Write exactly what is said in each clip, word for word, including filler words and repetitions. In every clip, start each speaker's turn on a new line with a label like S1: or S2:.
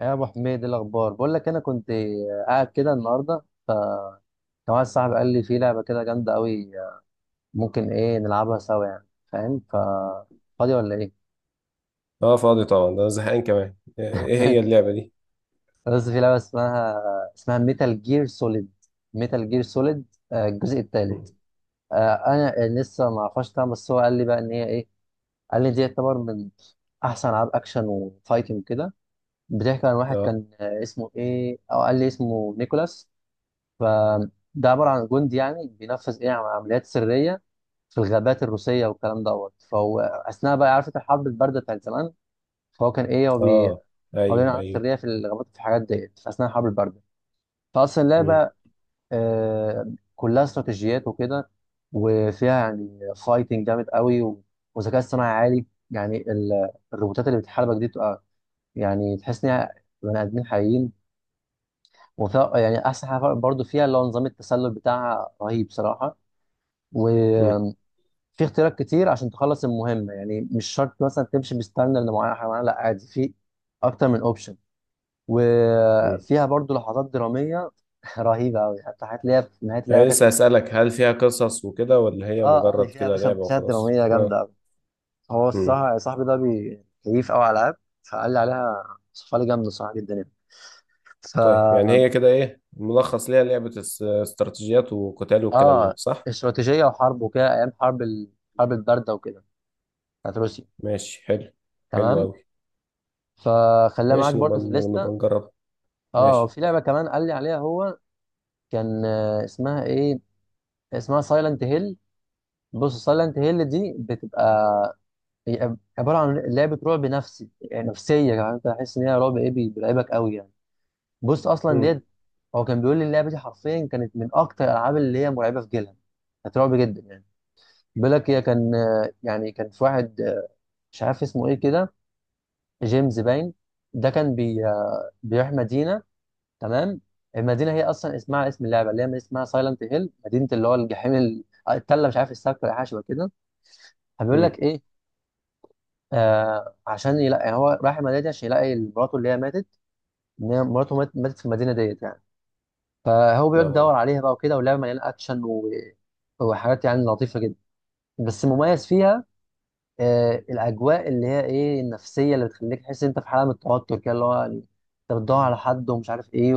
S1: يا ابو حميد، إيه الاخبار؟ بقول لك انا كنت قاعد كده النهارده، ف كان واحد صاحبي قال لي في لعبه كده جامده قوي، ممكن ايه نلعبها سوا يعني، فاهم؟ ف فاضي ولا ايه؟
S2: اه، فاضي طبعا. ده أنا زهقان كمان. ايه هي اللعبة دي؟
S1: بس في لعبه اسمها، اسمها ميتال جير سوليد، ميتال جير سوليد الجزء الثالث.
S2: مم.
S1: انا لسه ما اعرفهاش طبعا، بس هو قال لي بقى ان هي ايه، قال لي دي يعتبر من احسن العاب اكشن وفايتنج كده. بتحكي عن واحد
S2: اه،
S1: كان آه، اسمه ايه، او قال لي اسمه نيكولاس. فده عباره عن جندي يعني بينفذ ايه عمليات سريه في الغابات الروسيه والكلام دوت. فهو اثناء بقى، عارف انت الحرب البارده بتاعت زمان، فهو كان ايه، هو بي
S2: اه،
S1: هو بيعمل
S2: ايوه،
S1: عمليات
S2: ايوه.
S1: سريه في الغابات في الحاجات ديت في اثناء الحرب البارده. فاصلا
S2: مم.
S1: اللعبه آه كلها استراتيجيات وكده، وفيها يعني فايتنج جامد قوي و- وذكاء اصطناعي عالي، يعني ال- الروبوتات اللي بتحاربك دي تبقى يعني تحس انها بني ادمين حقيقيين. وفيها يعني احسن حاجه برضه فيها اللي هو نظام التسلل بتاعها، رهيب صراحه.
S2: مم.
S1: وفي اختيارات كتير عشان تخلص المهمه، يعني مش شرط مثلا تمشي بستاندرد معينه حيوانات، لا عادي في اكتر من اوبشن.
S2: مم.
S1: وفيها برضو لحظات دراميه رهيبه قوي، حتى حاجات اللي هي في نهايه اللعبه
S2: انا
S1: كانت.
S2: لسه هسألك، هل فيها قصص وكده ولا هي
S1: اه اه، دي
S2: مجرد
S1: فيها يا
S2: كده
S1: باشا
S2: لعبة
S1: مشاهد
S2: وخلاص؟
S1: دراميه جامده
S2: اه.
S1: قوي. هو
S2: مم.
S1: الصراحه صاحبي ده بي- كيف قوي على العاب، فقال لي عليها، صفها لي جامده صراحه جدا يعني. ف
S2: طيب، يعني هي كده ايه ملخص ليها؟ لعبة اس- استراتيجيات وقتال والكلام ده
S1: اه،
S2: صح؟
S1: استراتيجيه وحرب وكده، ايام حرب الحرب
S2: مم.
S1: البارده وكده، بتاعت روسيا.
S2: ماشي، حلو. حلو
S1: تمام،
S2: أوي.
S1: فخليها معاك
S2: ماشي، نبقى
S1: برضو في الليسته.
S2: نبقى نجربها.
S1: اه،
S2: ماشي،
S1: في لعبه كمان قال لي عليها هو، كان آه، اسمها ايه، اسمها سايلنت هيل. بص سايلنت هيل دي بتبقى، هي عباره عن لعبه رعب نفسي، يعني نفسيه، يعني انت تحس ان هي رعب ايه، بي- بيرعبك قوي يعني. بص اصلا
S2: امم،
S1: ديت، هو كان بيقول لي اللعبه دي حرفيا كانت من اكتر الالعاب اللي هي مرعبه في جيلها، كانت رعب جدا يعني. بيقول لك هي كان آه، يعني كان في واحد آه، مش عارف اسمه ايه كده، جيمس باين. ده كان بي آه، بيروح مدينه. تمام، المدينه هي اصلا اسمها اسم اللعبه اللي هي اسمها سايلنت هيل، مدينه اللي هو الجحيم ال- التله، مش عارف السكر ولا حاجه شبه كده. فبيقول لك
S2: امم،
S1: ايه، آه عشان يلاقي، يعني هو رايح المدينه دي عشان يلاقي مراته اللي هي ماتت، ان هي مراته مات- ماتت في المدينه ديت يعني. فهو بيقعد يدور
S2: اه.
S1: عليها بقى وكده، واللعبه مليانه اكشن و... وحاجات يعني لطيفه جدا. بس المميز فيها آه الاجواء اللي هي ايه النفسيه، اللي بتخليك تحس إن انت في حاله من التوتر كده، اللي هو يعني انت بتدور على حد ومش عارف ايه،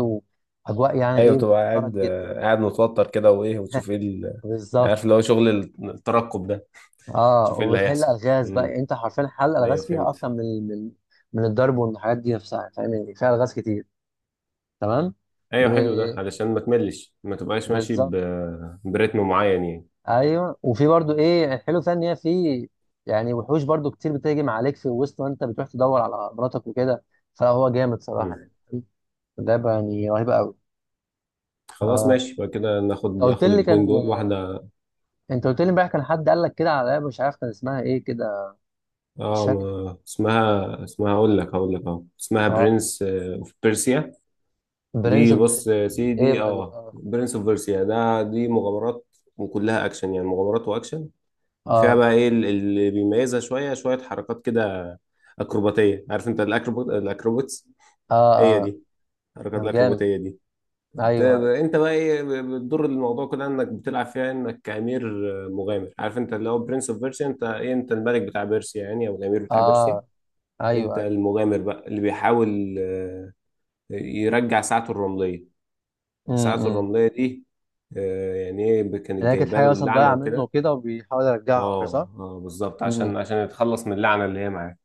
S1: واجواء يعني
S2: ايوه،
S1: ايه
S2: تبقى
S1: بتوترك
S2: قاعد
S1: جدا.
S2: قاعد متوتر كده، وايه وتشوف ايه ال-
S1: بالظبط.
S2: عارف اللي هو شغل الترقب ده.
S1: اه،
S2: شوف ايه اللي
S1: وبتحل
S2: هيحصل.
S1: الغاز بقى، يعني
S2: امم،
S1: انت حرفيا حل
S2: ايوه،
S1: الغاز فيها
S2: فهمت.
S1: اكتر من من من الضرب والحاجات دي نفسها، فاهم؟ يعني فيها الغاز كتير. تمام،
S2: ايوه، حلو، ده
S1: وبالظبط.
S2: علشان ما تملش، ما تبقاش ماشي ب... برتم معين يعني.
S1: ايوه، وفي برضو ايه الحلو فيها ان هي في يعني وحوش برضو كتير بتهجم عليك في الوسط وانت بتروح تدور على مراتك وكده، فهو جامد صراحه
S2: مم.
S1: يعني، لعبه يعني رهيبه قوي.
S2: خلاص،
S1: اه،
S2: ماشي، يبقى كده ناخد
S1: انت قلت
S2: ناخد
S1: لي كان
S2: الاثنين دول واحده.
S1: انت قلت لي امبارح كان حد قال لك كده على لعبه، مش عارف كان اسمها ايه كده. مش
S2: اه،
S1: فاكر.
S2: ما... اسمها اسمها، اقول لك هقول لك، اه اسمها
S1: اه،
S2: برنس اوف بيرسيا.
S1: برنس
S2: دي
S1: اوف ديرث.
S2: بص يا
S1: ايه
S2: سيدي،
S1: بقى دي؟
S2: اه،
S1: اه
S2: برنس اوف بيرسيا ده. دي مغامرات، وكلها اكشن، يعني مغامرات واكشن. فيها
S1: اه
S2: بقى ايه ال- اللي بيميزها شويه شويه، حركات كده اكروباتيه. عارف انت الاكروبات الاكروباتس،
S1: اه,
S2: هي
S1: آه.
S2: دي، حركات
S1: طب جامد.
S2: الاكروباتيه دي. ت-
S1: ايوه ايوه.
S2: انت بقى ايه، ب- بتضر الموضوع كده انك بتلعب فيها انك امير مغامر. عارف انت اللي هو برنس اوف بيرسيا، انت ايه؟ انت الملك بتاع بيرسيا يعني، او الامير بتاع بيرسيا.
S1: اه، ايوه
S2: انت
S1: ايوه.
S2: المغامر بقى اللي بيحاول آه، يرجع ساعته الرملية. ساعته
S1: امم.
S2: الرملية دي آه، يعني ايه، ب-
S1: اللي
S2: كانت
S1: هي كانت
S2: جايبه
S1: حاجه
S2: له
S1: مثلا
S2: اللعنة
S1: ضايعه منه
S2: وكده.
S1: وكده وبيحاول يرجعها وكده صح؟
S2: اه، اه، بالظبط،
S1: امم إمم.
S2: عشان عشان يتخلص من اللعنة اللي هي معاه.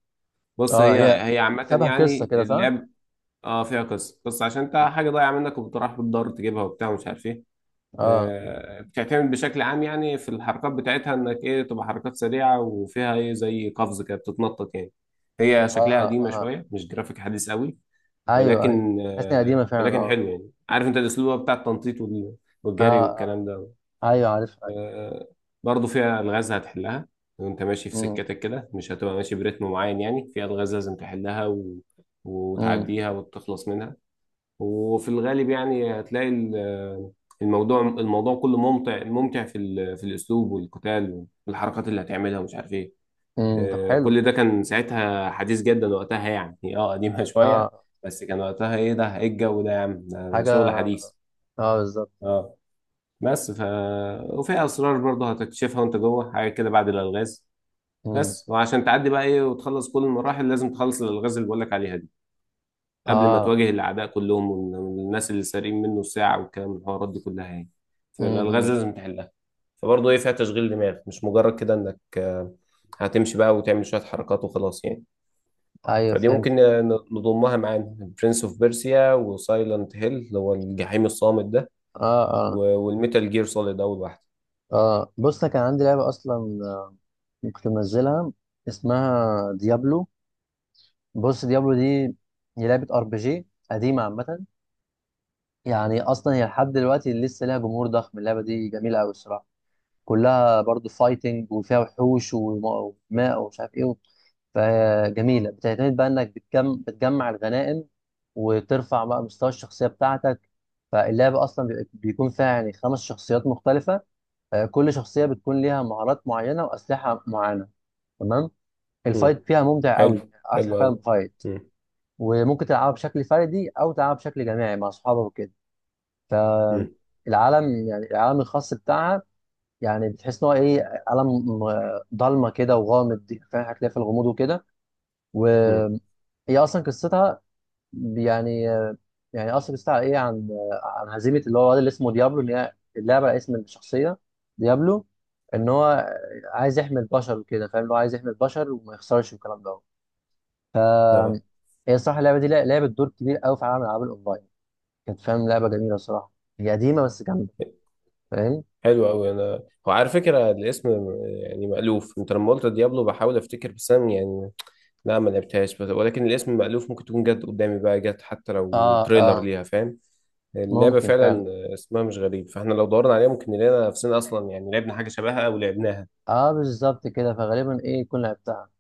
S2: بص
S1: اه،
S2: هي،
S1: هي
S2: هي عامة
S1: شبه قصه
S2: يعني
S1: كده صح؟
S2: اللعب. اه، فيها قصة، بس عشان انت حاجة ضايعة منك وبتروح بتدور تجيبها وبتاع ومش عارف ايه.
S1: اه
S2: آه، بتعتمد بشكل عام يعني في الحركات بتاعتها، انك ايه تبقى حركات سريعه، وفيها ايه زي قفز كده بتتنطط يعني. هي شكلها
S1: اه
S2: قديمه
S1: اه
S2: شويه، مش جرافيك حديث قوي،
S1: ايوه ايوه.
S2: ولكن
S1: حاسس انها
S2: آه،
S1: قديمه فعلا،
S2: ولكن
S1: اه.
S2: حلو يعني. عارف انت الاسلوب بتاع التنطيط وال- والجري
S1: اه
S2: والكلام
S1: اه
S2: ده.
S1: ايوه عارفها ايوه.
S2: آه، برضو فيها الغاز هتحلها وانت ماشي في
S1: امم.
S2: سكتك كده. مش هتبقى ماشي برتم معين يعني، فيها الغاز لازم تحلها و...
S1: امم.
S2: وتعديها وتخلص منها. وفي الغالب يعني هتلاقي ال- الموضوع الموضوع كله ممتع ممتع في ال- في الاسلوب والقتال والحركات اللي هتعملها ومش عارف ايه.
S1: امم، طب
S2: آه،
S1: حلو.
S2: كل ده كان ساعتها حديث جدا وقتها يعني. اه، قديمه شويه،
S1: اه،
S2: بس كان وقتها ايه ده، ايه الجو ده يا عم، ده ده
S1: حاجه،
S2: شغل حديث.
S1: اه بالظبط.
S2: اه. بس ف وفي اسرار برضه هتكتشفها وانت جوه حاجه كده بعد الالغاز.
S1: امم.
S2: بس وعشان تعدي بقى ايه وتخلص كل المراحل، لازم تخلص الالغاز اللي بقول لك عليها دي قبل ما
S1: اه.
S2: تواجه الأعداء كلهم والناس اللي سارقين منه الساعة والكلام والحوارات دي كلها يعني.
S1: امم
S2: فالألغاز
S1: إمم.
S2: لازم تحلها. فبرضه إيه فيها تشغيل دماغ، مش مجرد كده إنك آه، هتمشي بقى وتعمل شوية حركات وخلاص يعني.
S1: ايوه
S2: فدي
S1: فهمت.
S2: ممكن ن- نضمها معانا، برنس اوف بيرسيا وسايلنت هيل اللي هو الجحيم الصامت ده،
S1: اه اه
S2: و- والميتال جير سوليد أول واحدة.
S1: اه. بص انا كان عندي لعبه اصلا كنت منزلها، اسمها ديابلو. بص ديابلو دي هي لعبة ار بي جي قديمة عامة. يعني أصلا هي لحد دلوقتي لسه لها جمهور ضخم، اللعبة دي جميلة أوي الصراحة. كلها برضو فايتنج وفيها وحوش وم- وماء ومش عارف إيه. فجميلة، بتعتمد بقى إنك بتجم... بتجمع الغنائم وترفع بقى مستوى الشخصية بتاعتك. فاللعبة أصلا بي- بيكون فيها يعني خمس شخصيات مختلفة، آه، كل شخصية بتكون ليها مهارات معينة وأسلحة معينة. تمام،
S2: مم.
S1: الفايت فيها ممتع
S2: حلو،
S1: أوي يعني، أحسن
S2: حلو
S1: فعلا
S2: أوي.
S1: فايت.
S2: مم.
S1: وممكن تلعبها بشكل فردي او تلعبها بشكل جماعي مع اصحابك وكده.
S2: مم.
S1: العالم يعني العالم الخاص بتاعها، يعني بتحس ان هو ايه عالم م- ضلمه كده وغامض، فاهم؟ هتلاقي في الغموض وكده. وهي
S2: مم.
S1: اصلا قصتها يعني آه، يعني اصلا قصتها ايه عن آه، عن هزيمه اللي هو الواد اللي اسمه ديابلو، ان هي اللعبه على اسم الشخصيه ديابلو، ان هو عايز يحمي البشر وكده، فاهم؟ اللي هو عايز يحمي البشر وما يخسرش والكلام ده.
S2: اه،
S1: هي الصراحه اللعبه دي لعبت دور كبير قوي في عالم الالعاب الاونلاين، كانت فاهم لعبه جميله صراحه، هي قديمه بس جامده، فاهم؟
S2: حلو قوي. انا هو على فكره، الاسم يعني مألوف. انت لما قلت ديابلو بحاول افتكر، بس انا يعني لا، ما لعبتهاش، بس- ولكن الاسم مألوف. ممكن تكون جت قدامي بقى، جت حتى
S1: اه
S2: لو تريلر
S1: اه
S2: ليها، فاهم؟ اللعبه
S1: ممكن فعلا،
S2: فعلا اسمها مش غريب، فاحنا لو دورنا عليها ممكن نلاقينا نفسنا اصلا يعني لعبنا حاجه شبهها او لعبناها.
S1: اه بالظبط كده، فغالبا ايه يكون لعبتها.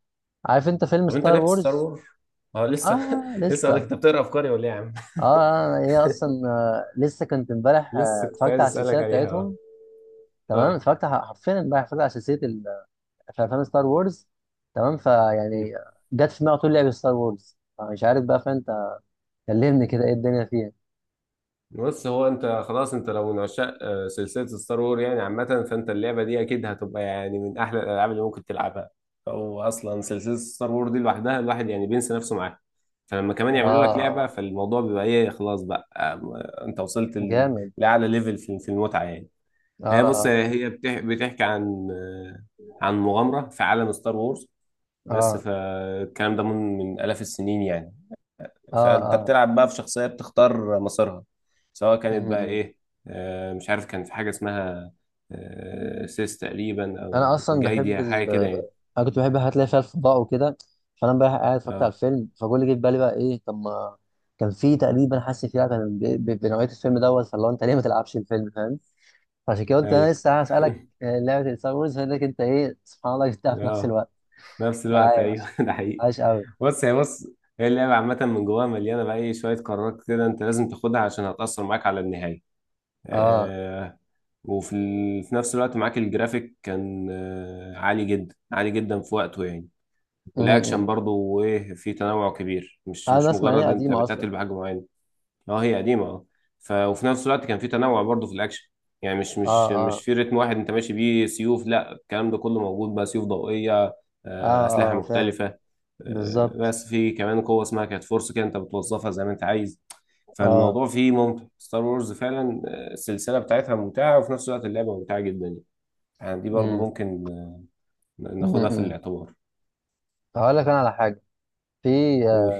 S1: عارف انت فيلم
S2: طب انت
S1: ستار
S2: لعبت ستار
S1: وورز؟
S2: وور؟ اه، لسه
S1: اه
S2: لسه قالك
S1: لسه.
S2: انت بتقرا افكاري ولا ايه يا عم؟
S1: اه، هي اصلا آه لسه كنت امبارح آه،
S2: لسه كنت
S1: اتفرجت
S2: عايز
S1: على
S2: اسالك
S1: السلسله
S2: عليها.
S1: بتاعتهم. تمام،
S2: اه،
S1: اتفرجت ح- حرفيا امبارح، اتفرجت على سلسله ال- في افلام ستار وورز. تمام،
S2: اه.
S1: فيعني جت في دماغي على طول لعبه ستار وورز، مش عارف بقى فانت كلمني كده ايه الدنيا فيها.
S2: بص، هو انت خلاص، انت لو من عشاق آه، سلسله ستار وور يعني عامه، فانت اللعبه دي اكيد هتبقى يعني من احلى الالعاب اللي ممكن تلعبها. او اصلا سلسله ستار وور دي لوحدها الواحد يعني بينسى نفسه معاها، فلما كمان
S1: اه
S2: يعملوا لك لعبه،
S1: آه،
S2: فالموضوع بيبقى ايه، خلاص بقى آه، انت وصلت ال-
S1: جامد.
S2: لاعلى ليفل في في المتعه يعني.
S1: اه
S2: هي بص،
S1: اه
S2: هي بتح- بتحكي عن آه، عن مغامره في عالم ستار وورز، بس
S1: اه
S2: فالكلام ده من من آلاف السنين يعني. فانت
S1: اه
S2: بتلعب بقى في شخصيه بتختار مسارها، سواء كانت بقى
S1: اه.
S2: ايه، آه، مش عارف كان في حاجه اسمها آه، سيس تقريبا او
S1: انا اصلا بحب
S2: جايديا حاجه
S1: ال
S2: كده يعني.
S1: انا كنت بحب الحاجات اللي هي فيها الفضاء وكده. فانا بقى قاعد اتفرجت على
S2: اه،
S1: الفيلم، فكل اللي جه في بالي بقى ايه طب ما كان في تقريبا، حاسس فيها كان ب- ب- بنوعيه الفيلم دوت، فاللي هو انت ليه ما تلعبش الفيلم، فاهم؟ فعشان كده قلت انا
S2: ايوه.
S1: لسه هسالك آه، لعبه ستار وورز لك انت، ايه سبحان الله جبتها في نفس
S2: اه،
S1: الوقت.
S2: في نفس الوقت ايوه
S1: عايش،
S2: ده حقيقي.
S1: عايش قوي.
S2: بص هي بص هي اللعبه عامه، من جواها مليانه بقى ايه شويه قرارات كده انت لازم تاخدها عشان هتاثر معاك على النهايه.
S1: اه،
S2: آه، وفي ال... في نفس الوقت معاك الجرافيك كان آه عالي جدا، عالي جدا في وقته يعني،
S1: م-
S2: والاكشن
S1: م.
S2: برضو وايه في تنوع كبير، مش
S1: انا
S2: مش
S1: اسمع ان هي
S2: مجرد انت
S1: قديمه اصلا.
S2: بتقتل بحاجه معينه. اه، هي قديمه، اه. ف وفي نفس الوقت كان في تنوع برضو في الاكشن، يعني مش
S1: اه
S2: مش مش
S1: اه
S2: في رتم واحد انت ماشي بيه سيوف، لا، الكلام ده كله موجود بقى، سيوف ضوئيه،
S1: اه
S2: آه، اسلحه
S1: اه فاهم
S2: مختلفه. آه،
S1: بالظبط.
S2: بس في كمان قوه اسمها كانت فورس كده، انت بتوظفها زي ما انت عايز.
S1: اه،
S2: فالموضوع فيه ممتع، ستار وورز فعلا آه، السلسله بتاعتها ممتعه، وفي نفس الوقت اللعبه ممتعه جدا. يعني دي برضو
S1: م-
S2: ممكن آه،
S1: م-
S2: ناخدها في
S1: م.
S2: الاعتبار.
S1: هقول لك انا على حاجه، في،
S2: قول.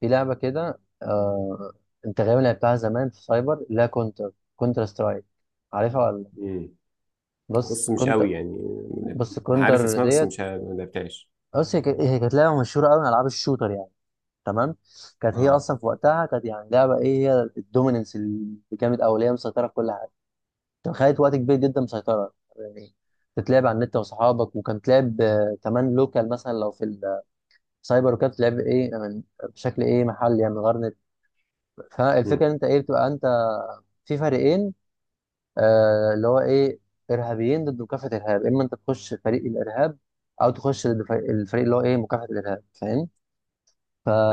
S1: في لعبة كده آه... انت غالبا لعبتها زمان في سايبر، لا كونتر، كونتر سترايك. عارفها ولا لأ؟
S2: مم.
S1: بص
S2: بص، مش
S1: كونتر،
S2: قوي يعني،
S1: بص
S2: عارف
S1: كونتر
S2: اسمها، بس
S1: ديت.
S2: مش ه- ما لعبتهاش.
S1: بص هي كانت، هي كانت لعبة مشهورة قوي من ألعاب الشوتر يعني. تمام، كانت هي
S2: اه.
S1: أصلا في وقتها كانت يعني لعبة إيه، هي الدوميننس اللي جامد أوي، اللي هي مسيطرة في كل حاجة. كانت خدت وقت كبير جدا مسيطرة يعني، تتلعب على النت وصحابك، وكانت تلعب آه، كمان لوكال مثلا لو في السايبر، وكانت تلعب إيه من بشكل إيه محلي يعني من غير نت. فالفكرة
S2: مم.
S1: إن أنت إيه بتبقى أنت في فريقين، آه اللي هو ايه ارهابيين ضد مكافحه الارهاب، اما انت تخش فريق الارهاب او تخش ضد فريق- الفريق اللي هو ايه مكافحه الارهاب، فاهم؟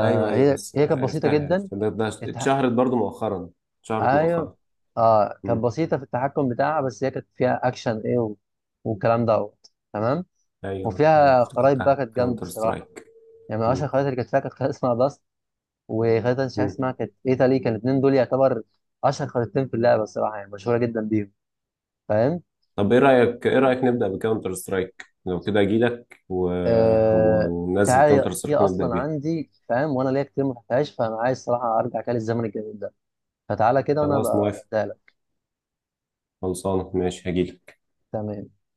S2: ايوه، ايوه، بس
S1: هي كانت بسيطه
S2: عرفتها
S1: جدا.
S2: عرفتها، ده, ده
S1: التح...
S2: اتشهرت برضو مؤخرا. اتشهرت
S1: ايوه،
S2: مؤخرا.
S1: اه كانت
S2: مم.
S1: بسيطه في التحكم بتاعها، بس هي كانت فيها اكشن ايه و... والكلام دوت. تمام.
S2: ايوه، ايوه،
S1: وفيها خرايط بقى
S2: افتكرتها،
S1: كانت جامده
S2: كاونتر
S1: الصراحه،
S2: سترايك.
S1: يعني من اشهر
S2: مم.
S1: الخرايط اللي كانت فيها كانت خريطه اسمها باست، وخريطه مش عارف
S2: مم.
S1: اسمها كانت ايطالي، كان الاثنين دول يعتبر اشهر خريطتين في اللعبه الصراحه يعني، مشهوره جدا بيهم، فاهم؟
S2: طب ايه رايك، ايه رايك نبدا بكاونتر سترايك لو كده؟ اجي لك و... و...
S1: آه،
S2: وننزل
S1: تعالى
S2: كاونتر
S1: هي
S2: سترايك ونبدا
S1: اصلا
S2: بيها.
S1: عندي، فاهم؟ وانا ليا كتير ما فتحتهاش، فانا عايز الصراحه ارجع كده للزمن الجميل ده، فتعالى كده وانا
S2: خلاص،
S1: ابقى
S2: موافق.
S1: اديها لك.
S2: خلصانه، ماشي، هجيلك.
S1: تمام.